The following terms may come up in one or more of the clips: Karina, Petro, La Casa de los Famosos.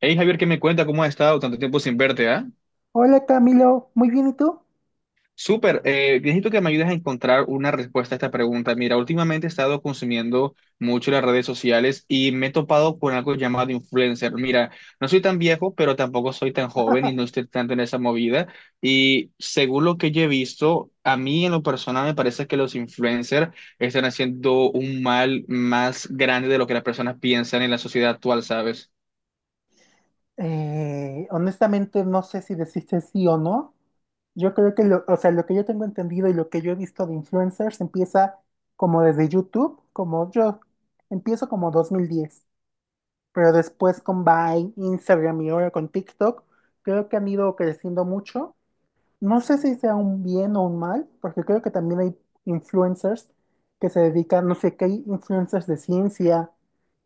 Hey Javier, ¿qué me cuenta? ¿Cómo has estado tanto tiempo sin verte, ah? Hola Camilo, muy bien, ¿y tú? Súper, necesito que me ayudes a encontrar una respuesta a esta pregunta. Mira, últimamente he estado consumiendo mucho las redes sociales y me he topado con algo llamado influencer. Mira, no soy tan viejo, pero tampoco soy tan joven y no estoy tanto en esa movida. Y según lo que yo he visto, a mí en lo personal me parece que los influencers están haciendo un mal más grande de lo que las personas piensan en la sociedad actual, ¿sabes? Honestamente no sé si deciste sí o no. Yo creo que o sea, lo que yo tengo entendido y lo que yo he visto de influencers empieza como desde YouTube, como yo empiezo como 2010, pero después con Vine, Instagram y ahora con TikTok, creo que han ido creciendo mucho. No sé si sea un bien o un mal, porque creo que también hay influencers que se dedican, no sé, que hay influencers de ciencia,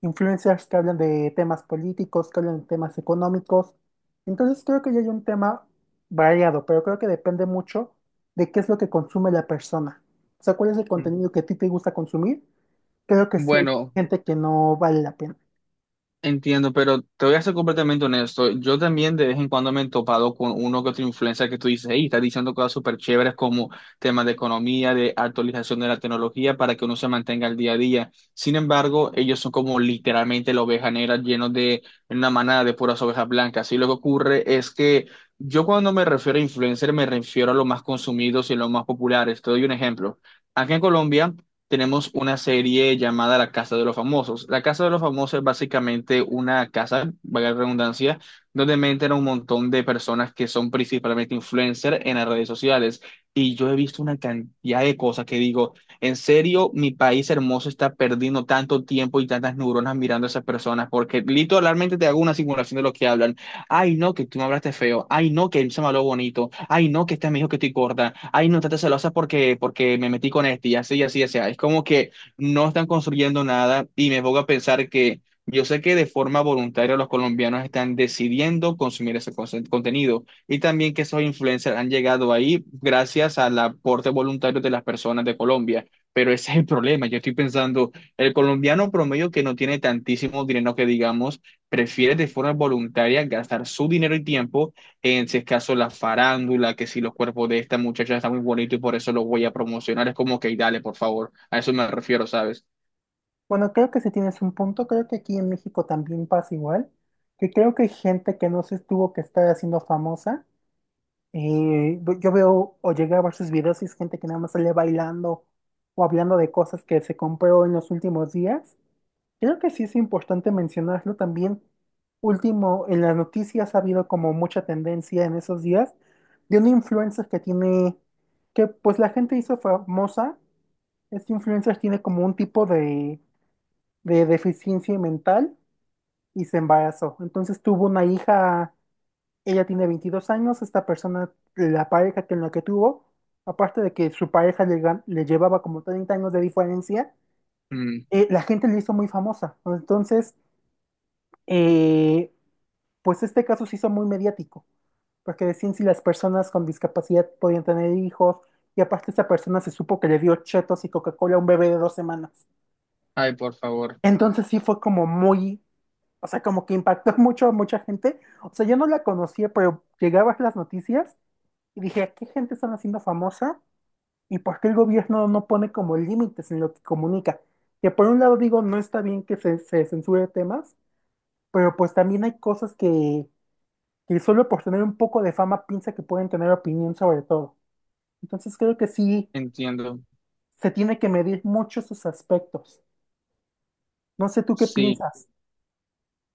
influencers que hablan de temas políticos, que hablan de temas económicos. Entonces creo que ya hay un tema variado, pero creo que depende mucho de qué es lo que consume la persona. O sea, cuál es el contenido que a ti te gusta consumir. Creo que sí hay Bueno, gente que no vale la pena. entiendo, pero te voy a ser completamente honesto. Yo también de vez en cuando me he topado con uno que otro influencer que tú dices, hey, está diciendo cosas súper chéveres como temas de economía, de actualización de la tecnología para que uno se mantenga al día a día. Sin embargo, ellos son como literalmente la oveja negra llenos de una manada de puras ovejas blancas. Y lo que ocurre es que yo cuando me refiero a influencer me refiero a los más consumidos y los más populares. Te doy un ejemplo. Aquí en Colombia tenemos una serie llamada La Casa de los Famosos. La Casa de los Famosos es básicamente una casa, valga la redundancia, donde meten a un montón de personas que son principalmente influencers en las redes sociales. Y yo he visto una cantidad de cosas que digo, en serio, mi país hermoso está perdiendo tanto tiempo y tantas neuronas mirando a esas personas, porque literalmente te hago una simulación de lo que hablan. Ay, no, que tú me hablaste feo. Ay, no, que él se me habló bonito. Ay, no, que este me dijo que estoy gorda. Ay, no, estás celosa porque me metí con este. Y así, y así, y así. Es como que no están construyendo nada y me pongo a pensar que yo sé que de forma voluntaria los colombianos están decidiendo consumir ese contenido y también que esos influencers han llegado ahí gracias al aporte voluntario de las personas de Colombia. Pero ese es el problema. Yo estoy pensando, el colombiano promedio que no tiene tantísimo dinero que digamos prefiere de forma voluntaria gastar su dinero y tiempo en, si es caso, la farándula, que si los cuerpos de esta muchacha están muy bonitos y por eso los voy a promocionar. Es como que dale, por favor. A eso me refiero, ¿sabes? Bueno, creo que sí tienes un punto, creo que aquí en México también pasa igual, que creo que hay gente que no se tuvo que estar haciendo famosa. Yo veo o llegué a ver sus videos y es gente que nada más sale bailando o hablando de cosas que se compró en los últimos días. Creo que sí es importante mencionarlo también. Último, en las noticias ha habido como mucha tendencia en esos días de una influencer que pues la gente hizo famosa. Este influencer tiene como un tipo de deficiencia mental y se embarazó. Entonces tuvo una hija, ella tiene 22 años, esta persona, la pareja que en la que tuvo, aparte de que su pareja le llevaba como 30 años de diferencia. Mm. La gente le hizo muy famosa. Entonces, eh, pues este caso se hizo muy mediático, porque decían si las personas con discapacidad podían tener hijos. Y aparte esa persona se supo que le dio chetos y Coca-Cola a un bebé de 2 semanas. Ay, por favor. Entonces sí fue como muy, o sea, como que impactó mucho a mucha gente. O sea, yo no la conocía, pero llegaba a las noticias y dije, ¿a qué gente están haciendo famosa? ¿Y por qué el gobierno no pone como límites en lo que comunica? Que por un lado digo, no está bien que se censure temas, pero pues también hay cosas que solo por tener un poco de fama piensa que pueden tener opinión sobre todo. Entonces creo que sí Entiendo. se tiene que medir mucho sus aspectos. No sé tú qué Sí. piensas.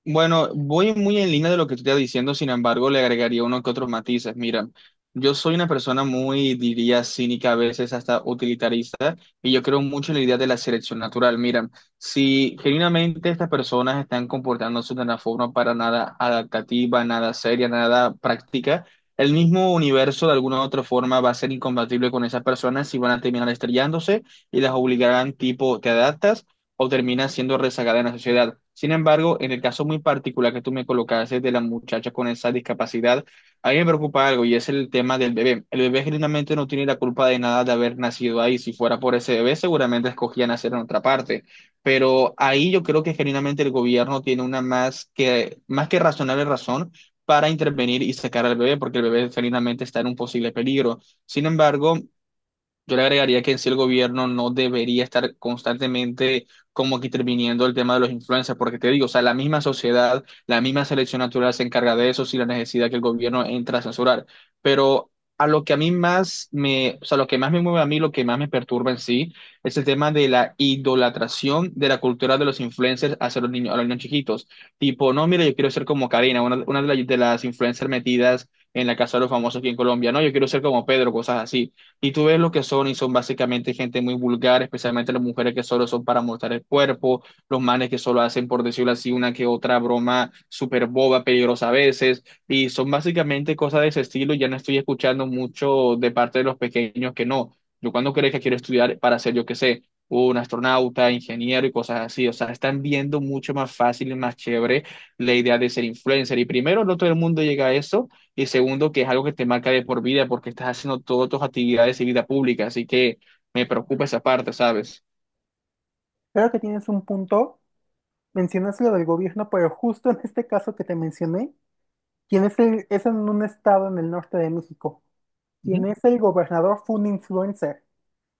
Bueno, voy muy en línea de lo que tú estás diciendo, sin embargo, le agregaría uno que otros matices. Mira, yo soy una persona muy, diría, cínica, a veces hasta utilitarista, y yo creo mucho en la idea de la selección natural. Mira, si genuinamente estas personas están comportándose de una forma para nada adaptativa, nada seria, nada práctica, el mismo universo de alguna u otra forma va a ser incompatible con esas personas y van a terminar estrellándose y las obligarán tipo, te adaptas o termina siendo rezagada en la sociedad. Sin embargo, en el caso muy particular que tú me colocaste de la muchacha con esa discapacidad, a mí me preocupa algo y es el tema del bebé. El bebé genuinamente no tiene la culpa de nada de haber nacido ahí. Si fuera por ese bebé, seguramente escogía nacer en otra parte. Pero ahí yo creo que genuinamente el gobierno tiene una más que razonable razón para intervenir y sacar al bebé, porque el bebé genuinamente está en un posible peligro. Sin embargo, yo le agregaría que en sí el gobierno no debería estar constantemente como que interviniendo el tema de los influencers, porque te digo, o sea, la misma sociedad, la misma selección natural se encarga de eso sin la necesidad que el gobierno entra a censurar. Pero a lo que a o sea, lo que más me mueve a mí, lo que más me perturba en sí, es el tema de la idolatración de la cultura de los influencers hacia los niños, a los niños chiquitos. Tipo, no, mira, yo quiero ser como Karina, las de las influencers metidas en la casa de los famosos aquí en Colombia, no, yo quiero ser como Pedro, cosas así. Y tú ves lo que son y son básicamente gente muy vulgar, especialmente las mujeres que solo son para mostrar el cuerpo, los manes que solo hacen, por decirlo así, una que otra broma súper boba, peligrosa a veces. Y son básicamente cosas de ese estilo. Ya no estoy escuchando mucho de parte de los pequeños que no. Yo cuando crees que quiero estudiar para ser, yo qué sé, un astronauta, ingeniero y cosas así. O sea, están viendo mucho más fácil y más chévere la idea de ser influencer. Y primero no todo el mundo llega a eso. Y segundo, que es algo que te marca de por vida porque estás haciendo todas tus actividades y vida pública. Así que me preocupa esa parte, ¿sabes? Creo que tienes un punto. Mencionaste lo del gobierno, pero justo en este caso que te mencioné, quien es es en un estado en el norte de México. Quien es el gobernador fue un influencer.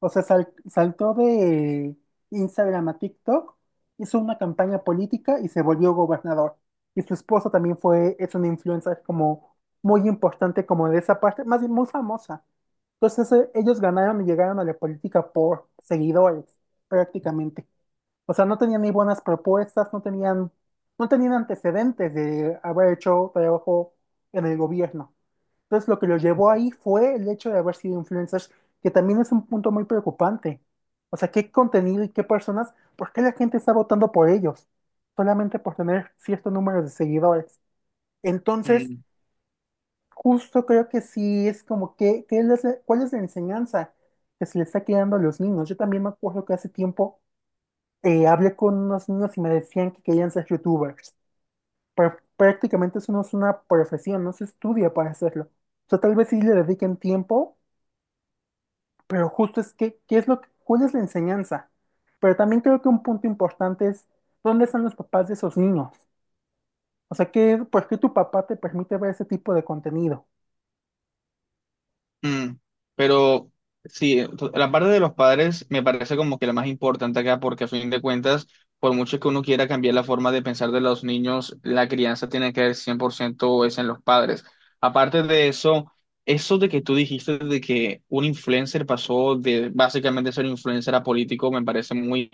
O sea, saltó de Instagram a TikTok, hizo una campaña política y se volvió gobernador. Y su esposa también fue, es una influencer como muy importante como de esa parte, más bien muy famosa. Entonces ellos ganaron y llegaron a la política por seguidores, prácticamente. O sea, no tenían ni buenas propuestas, no tenían antecedentes de haber hecho trabajo en el gobierno. Entonces, lo que los llevó ahí fue el hecho de haber sido influencers, que también es un punto muy preocupante. O sea, qué contenido y qué personas, ¿por qué la gente está votando por ellos? Solamente por tener cierto número de seguidores. Entonces, Ujú. justo creo que sí es como ¿cuál es la enseñanza que se le está quedando a los niños? Yo también me acuerdo que hace tiempo hablé con unos niños y me decían que querían ser youtubers. Pero prácticamente eso no es una profesión, no se estudia para hacerlo. O sea, tal vez sí le dediquen tiempo, pero justo es que, ¿qué es lo que, ¿cuál es la enseñanza? Pero también creo que un punto importante es, ¿dónde están los papás de esos niños? O sea, ¿ por qué tu papá te permite ver ese tipo de contenido? Mm, pero sí, la parte de los padres me parece como que la más importante acá, porque a fin de cuentas, por mucho que uno quiera cambiar la forma de pensar de los niños, la crianza tiene que ver 100% es en los padres. Aparte de eso, eso de que tú dijiste de que un influencer pasó de básicamente ser influencer a político, me parece muy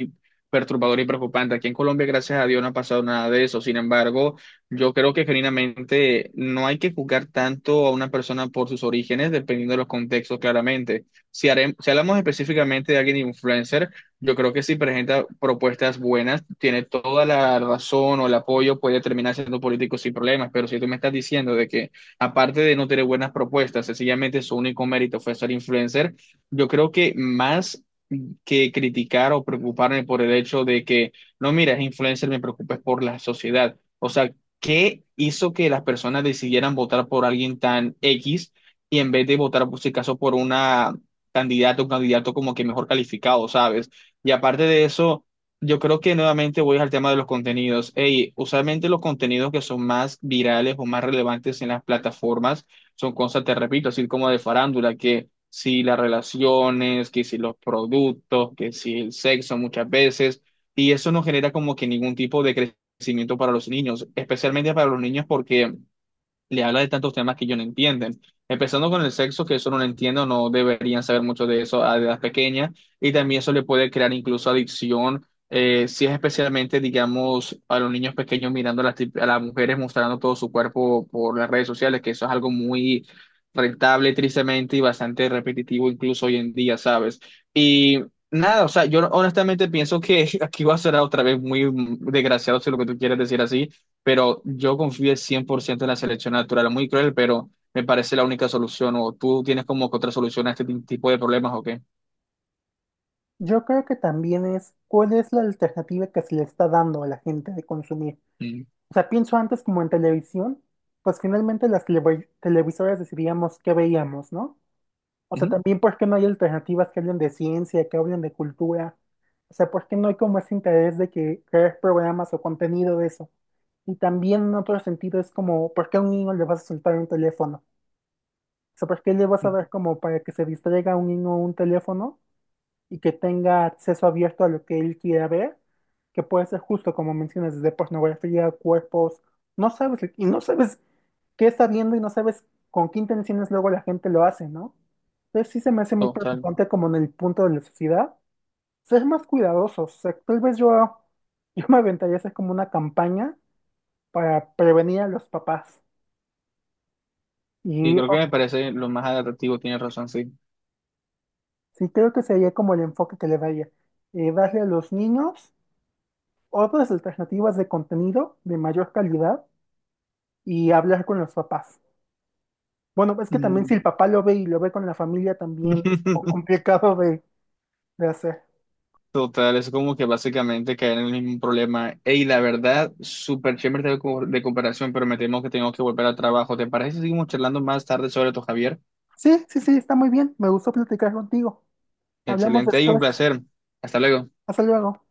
perturbador y preocupante. Aquí en Colombia, gracias a Dios, no ha pasado nada de eso. Sin embargo, yo creo que genuinamente no hay que juzgar tanto a una persona por sus orígenes, dependiendo de los contextos, claramente. Si hablamos específicamente de alguien influencer, yo creo que si presenta propuestas buenas, tiene toda la razón o el apoyo, puede terminar siendo político sin problemas. Pero si tú me estás diciendo de que, aparte de no tener buenas propuestas, sencillamente su único mérito fue ser influencer, yo creo que más que criticar o preocuparme por el hecho de que, no, mira, es influencer, me preocupes por la sociedad. O sea, ¿qué hizo que las personas decidieran votar por alguien tan X y en vez de votar, por si caso, por una candidata o candidato como que mejor calificado, ¿sabes? Y aparte de eso, yo creo que nuevamente voy al tema de los contenidos. Ey, usualmente los contenidos que son más virales o más relevantes en las plataformas son cosas, te repito, así como de farándula, que si las relaciones, que si los productos, que si el sexo muchas veces, y eso no genera como que ningún tipo de crecimiento para los niños, especialmente para los niños porque le habla de tantos temas que ellos no entienden. Empezando con el sexo, que eso no lo entiendo, no deberían saber mucho de eso a edad pequeña, y también eso le puede crear incluso adicción, si es especialmente, digamos, a los niños pequeños mirando a a las mujeres mostrando todo su cuerpo por las redes sociales, que eso es algo muy rentable, tristemente, y bastante repetitivo incluso hoy en día, ¿sabes? Y nada, o sea, yo honestamente pienso que aquí va a ser otra vez muy desgraciado si lo que tú quieres decir así, pero yo confío al 100% en la selección natural. Muy cruel, pero me parece la única solución. ¿O tú tienes como que otra solución a este tipo de problemas o qué? Yo creo que también es, ¿cuál es la alternativa que se le está dando a la gente de consumir? Mm. O sea, pienso antes como en televisión, pues finalmente las televisoras decidíamos qué veíamos, ¿no? O sea, Ujú. también ¿por qué no hay alternativas que hablen de ciencia, que hablen de cultura? O sea, ¿por qué no hay como ese interés de que crear programas o contenido de eso? Y también en otro sentido es como, ¿por qué a un niño le vas a soltar un teléfono? O sea, ¿por qué le vas a Mm. dar como para que se distraiga a un niño un teléfono? Y que tenga acceso abierto a lo que él quiera ver, que puede ser justo como mencionas, desde pornografía, cuerpos, no sabes, y no sabes qué está viendo y no sabes con qué intenciones luego la gente lo hace, ¿no? Entonces sí se me hace muy Total. preocupante como en el punto de la sociedad, ser más cuidadosos, o sea, tal vez yo, yo me aventaría a hacer como una campaña para prevenir a los papás. Y Y creo que oh, me parece lo más adaptativo, tienes razón, sí. sí creo que sería como el enfoque que le daría, darle a los niños otras alternativas de contenido de mayor calidad y hablar con los papás. Bueno, es que también si Mm. el papá lo ve y lo ve con la familia también es como complicado de hacer. Total, es como que básicamente caer en el mismo problema. Ey, la verdad, súper chévere de, de comparación, pero me temo que tengo que volver al trabajo. ¿Te parece si seguimos charlando más tarde sobre esto, Javier? Sí, sí, sí, está muy bien. Me gustó platicar contigo. Hablamos Excelente, y un después. placer. Hasta luego. Hasta luego.